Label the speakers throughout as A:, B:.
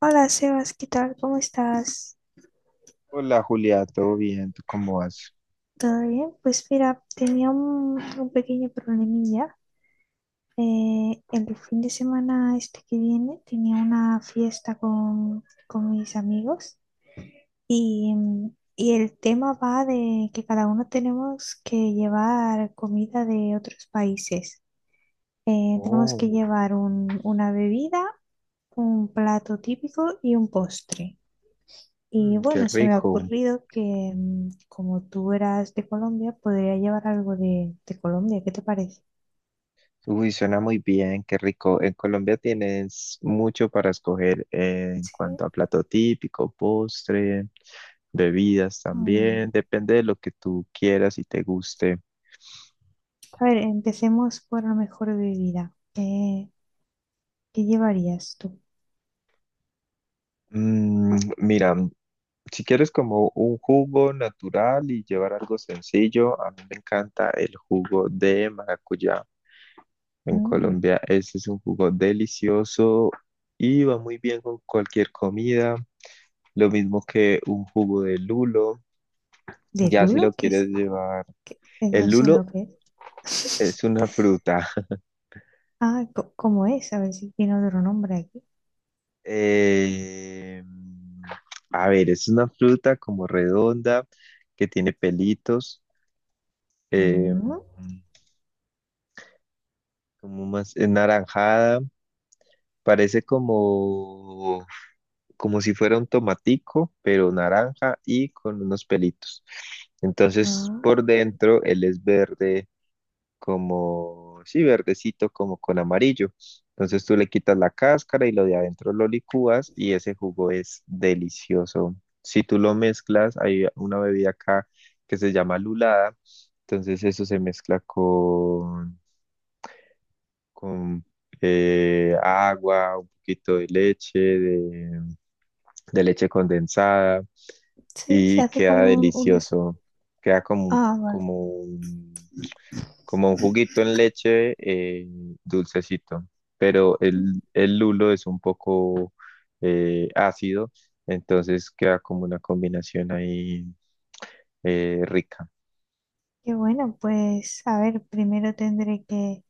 A: Hola Sebas, ¿qué tal? ¿Cómo estás?
B: Hola Julia, ¿todo bien? ¿Tú cómo vas?
A: ¿Todo bien? Pues mira, tenía un pequeño problemilla. El fin de semana este que viene tenía una fiesta con mis amigos y y el tema va de que cada uno tenemos que llevar comida de otros países. Tenemos
B: Oh,
A: que llevar una bebida, un plato típico y un postre. Y
B: qué
A: bueno, se me ha
B: rico.
A: ocurrido que como tú eras de Colombia, podría llevar algo de Colombia. ¿Qué te parece?
B: Uy, suena muy bien, qué rico. En Colombia tienes mucho para escoger en
A: Sí.
B: cuanto a plato típico, postre, bebidas también.
A: Mm.
B: Depende de lo que tú quieras y te guste.
A: A ver, empecemos por la mejor bebida. ¿Qué llevarías tú?
B: Mira, si quieres como un jugo natural y llevar algo sencillo, a mí me encanta el jugo de maracuyá. En
A: Mm.
B: Colombia, este es un jugo delicioso y va muy bien con cualquier comida. Lo mismo que un jugo de lulo.
A: ¿De
B: Ya si
A: Lulo?
B: lo
A: ¿Qué
B: quieres
A: es?
B: llevar.
A: ¿ No
B: El
A: sé
B: lulo
A: lo que es.
B: es una fruta.
A: Ah, ¿cómo es? A ver si tiene otro nombre aquí.
B: Eh, a ver, es una fruta como redonda que tiene pelitos. eh,
A: Mm,
B: Como más es naranjada. Parece como si fuera un tomatico, pero naranja y con unos pelitos. Entonces,
A: ah,
B: por dentro, él es verde, como, sí, verdecito, como con amarillo. Entonces tú le quitas la cáscara y lo de adentro lo licúas y ese jugo es delicioso. Si tú lo mezclas, hay una bebida acá que se llama lulada. Entonces eso se mezcla con agua, un poquito de leche, de leche condensada
A: sí, se
B: y
A: hace como
B: queda
A: un...
B: delicioso. Queda como, un-
A: Ah, vale.
B: como un, como un juguito en leche dulcecito, pero
A: Mm,
B: el lulo es un poco ácido, entonces queda como una combinación ahí rica.
A: qué bueno, pues a ver, primero tendré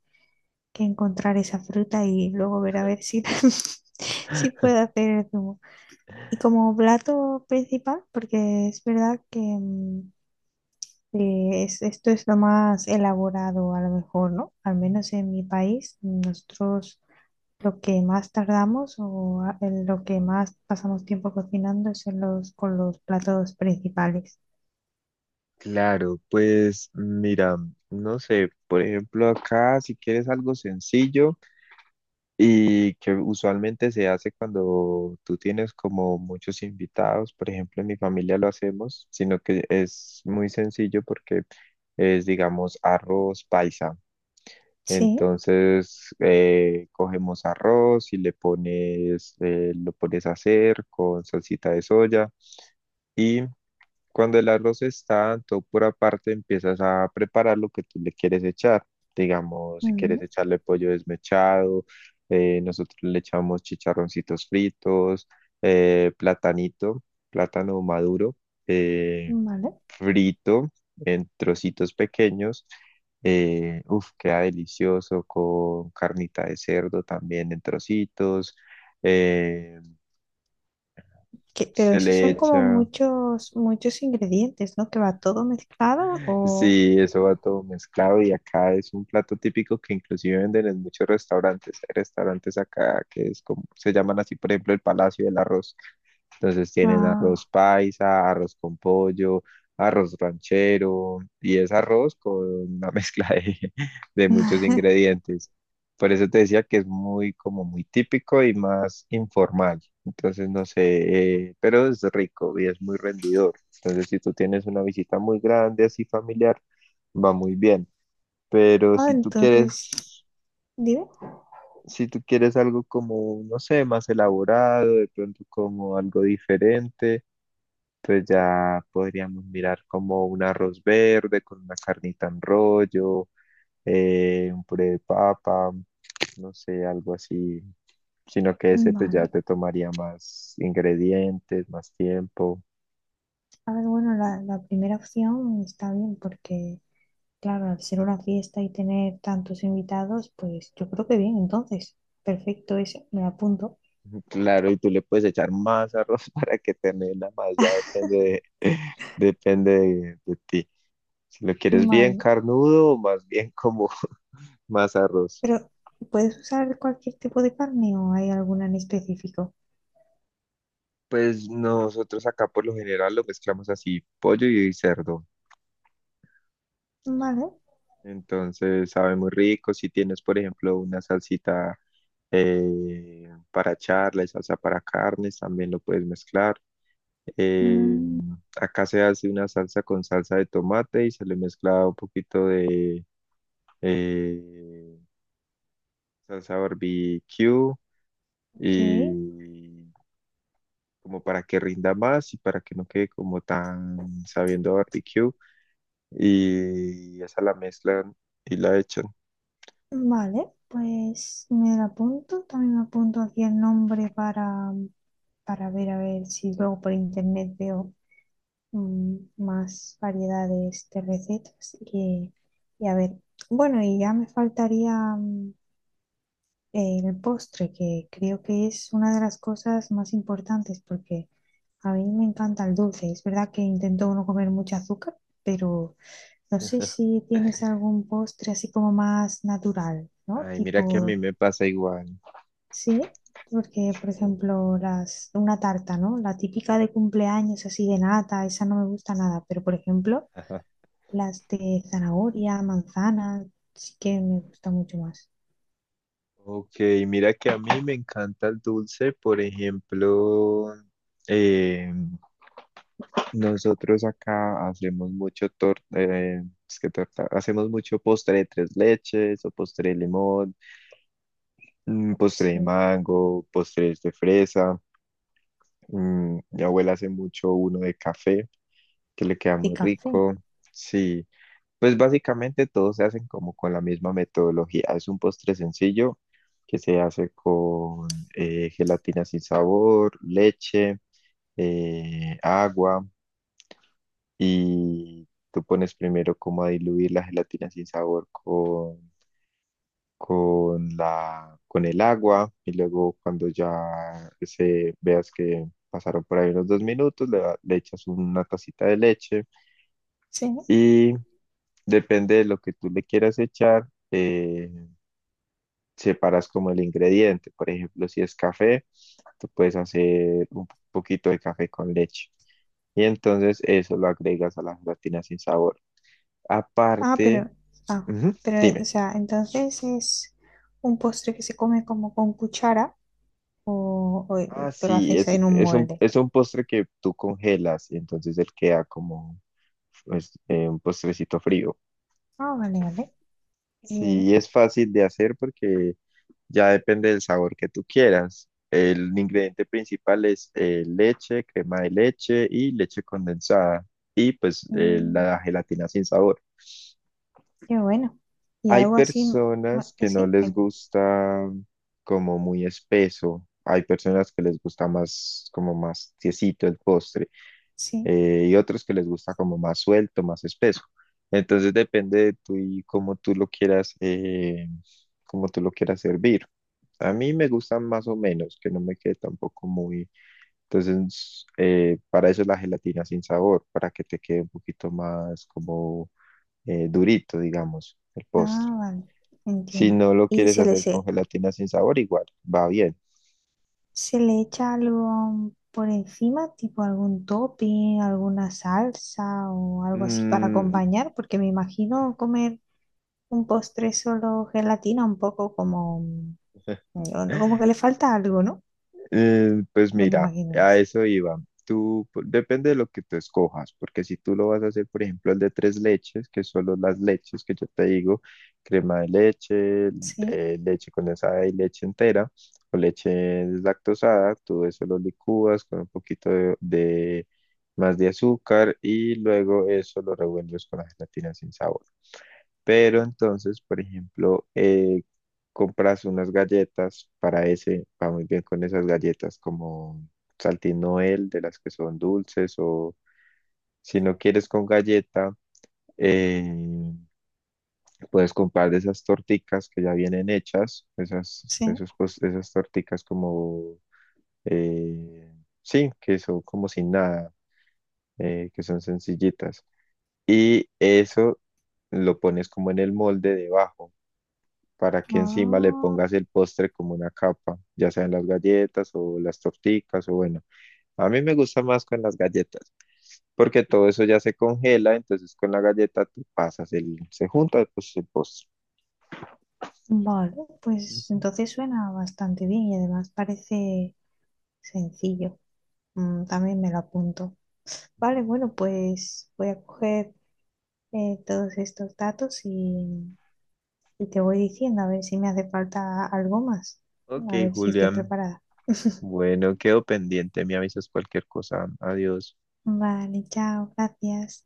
A: que encontrar esa fruta y luego ver a ver si, si puedo hacer el zumo. Y como plato principal, porque es verdad que, mm, esto es lo más elaborado a lo mejor, ¿no? Al menos en mi país, nosotros lo que más tardamos en lo que más pasamos tiempo cocinando es en los, con los platos principales.
B: Claro, pues mira, no sé, por ejemplo acá si quieres algo sencillo. Y que usualmente se hace cuando tú tienes como muchos invitados, por ejemplo, en mi familia lo hacemos, sino que es muy sencillo porque es, digamos, arroz paisa.
A: Sí,
B: Entonces, cogemos arroz y le pones, lo pones a hacer con salsita de soya y cuando el arroz está en tu pura parte, empiezas a preparar lo que tú le quieres echar. Digamos, si quieres
A: ujú,
B: echarle pollo desmechado, nosotros le echamos chicharroncitos fritos, platanito, plátano maduro, eh,
A: vale.
B: frito en trocitos pequeños. Uf, queda delicioso con carnita de cerdo también en trocitos. Eh,
A: Que- pero
B: se le
A: esos son como
B: echa
A: muchos, muchos ingredientes, ¿no? Que va todo mezclado o...
B: Sí, eso va todo mezclado y acá es un plato típico que inclusive venden en muchos restaurantes. Hay restaurantes acá que es como, se llaman así, por ejemplo, el Palacio del Arroz. Entonces tienen arroz
A: Ah,
B: paisa, arroz con pollo, arroz ranchero y es arroz con una mezcla de muchos ingredientes. Por eso te decía que es muy como muy típico y más informal. Entonces no sé, pero es rico y es muy rendidor. Entonces, si tú tienes una visita muy grande, así familiar, va muy bien. Pero
A: ah, entonces, dime.
B: si tú quieres algo como, no sé, más elaborado, de pronto como algo diferente, pues ya podríamos mirar como un arroz verde con una carnita en rollo, un puré de papa, no sé, algo así. Sino que ese pues ya
A: Vale.
B: te tomaría más ingredientes, más tiempo.
A: A ver, bueno, la primera opción está bien porque, claro, al ser una fiesta y tener tantos invitados, pues yo creo que bien, entonces, perfecto eso, me la apunto.
B: Claro, y tú le puedes echar más arroz para que te mela más, ya depende de, depende de ti. Si lo quieres bien
A: Vale,
B: carnudo o más bien como más arroz.
A: pero ¿puedes usar cualquier tipo de carne o hay alguna en específico?
B: Pues nosotros acá por lo general lo mezclamos así, pollo y cerdo.
A: Vale,
B: Entonces sabe muy rico. Si tienes, por ejemplo, una salsita para charla y salsa para carnes, también lo puedes mezclar. Eh,
A: mm,
B: Acá se hace una salsa con salsa de tomate y se le mezcla un poquito de eh, salsa barbecue
A: ok,
B: y como para que rinda más y para que no quede como tan sabiendo a barbecue y esa la mezclan y la echan.
A: vale, pues me la apunto, también me apunto aquí el nombre para ver, a ver si luego por internet veo mm, más variedades de, este, recetas y a ver, bueno, y ya me faltaría mm, el postre, que creo que es una de las cosas más importantes porque a mí me encanta el dulce. Es verdad que intento no comer mucho azúcar, pero no sé si tienes algún postre así como más natural, ¿no?
B: Ay, mira que a mí
A: Tipo,
B: me pasa igual.
A: sí. Porque, por ejemplo, las, una tarta, ¿no? La típica de cumpleaños así de nata, esa no me gusta nada. Pero, por ejemplo,
B: Ajá.
A: las de zanahoria, manzana, sí que me gusta mucho más.
B: Ok, mira que a mí me encanta el dulce, por ejemplo, eh, nosotros acá hacemos mucho es que torta, hacemos mucho postre de tres leches o postre de limón, postre de
A: Sí.
B: mango, postres de fresa. Mi abuela hace mucho uno de café, que le queda
A: De
B: muy
A: café,
B: rico. Sí, pues básicamente todos se hacen como con la misma metodología. Es un postre sencillo que se hace con gelatina sin sabor, leche, agua y tú pones primero como a diluir la gelatina sin sabor con con el agua y luego cuando ya se veas que pasaron por ahí unos dos minutos, le echas una tacita de leche
A: sí.
B: y depende de lo que tú le quieras echar, separas como el ingrediente. Por ejemplo, si es café, tú puedes hacer un poquito de café con leche. Y entonces eso lo agregas a la gelatina sin sabor.
A: Ah,
B: Aparte,
A: pero, ah,
B: ujú,
A: pero, o
B: dime.
A: sea, entonces es un postre que se come como con cuchara o
B: Ah,
A: te lo
B: sí,
A: haces en un molde.
B: es un postre que tú congelas y entonces él queda como pues, un postrecito frío.
A: Ah, vale, vale. Bien.
B: Sí, es fácil de hacer porque ya depende del sabor que tú quieras. El ingrediente principal es leche, crema de leche y leche condensada y pues
A: Mm,
B: la gelatina sin sabor.
A: qué bueno. Y
B: Hay
A: algo así,
B: personas que no
A: sí,
B: les gusta como muy espeso, hay personas que les gusta más como más tiesito el postre.
A: sí.
B: Y otros que les gusta como más suelto, más espeso. Entonces depende de tú y cómo tú lo quieras, cómo tú lo quieras servir. A mí me gustan más o menos, que no me quede tampoco muy... Entonces, para eso la gelatina sin sabor, para que te quede un poquito más como durito, digamos, el postre.
A: Ah, vale.
B: Si
A: Entiendo.
B: no lo quieres hacer con gelatina sin sabor, igual, va bien.
A: ¿Se le echa algo por encima, tipo algún topping, alguna salsa o algo así para
B: Mm.
A: acompañar? Porque me imagino comer un postre solo gelatina un poco como, no, no, como que le falta algo, ¿no?
B: Pues
A: Me lo
B: mira,
A: imagino
B: a
A: así.
B: eso iba. Depende de lo que tú escojas, porque si tú lo vas a hacer, por ejemplo, el de tres leches, que solo las leches que yo te digo, crema de leche,
A: Sí,
B: leche condensada y leche entera, o leche deslactosada, todo eso lo licúas con un poquito más de azúcar y luego eso lo revuelves con la gelatina sin sabor. Pero entonces, por ejemplo, compras unas galletas para ese, va muy bien con esas galletas como Saltín Noel, de las que son dulces, o si no quieres con galleta, eh, puedes comprar de esas torticas que ya vienen hechas,
A: sí.
B: esas torticas como, eh, sí, que son como sin nada, que son sencillitas. Y eso lo pones como en el molde debajo, para que encima le
A: Ah,
B: pongas el postre como una capa, ya sean las galletas o las torticas o bueno, a mí me gusta más con las galletas, porque todo eso ya se congela, entonces con la galleta tú pasas el, se junta pues el postre.
A: vale, pues
B: Ujú,
A: entonces suena bastante bien y además parece sencillo. Mm, también me lo apunto. Vale,
B: ujú.
A: bueno, pues voy a coger todos estos datos y te voy diciendo a ver si me hace falta algo más.
B: Ok,
A: A ver si estoy
B: Julián,
A: preparada.
B: bueno, quedo pendiente, me avisas cualquier cosa, adiós.
A: Vale, chao, gracias.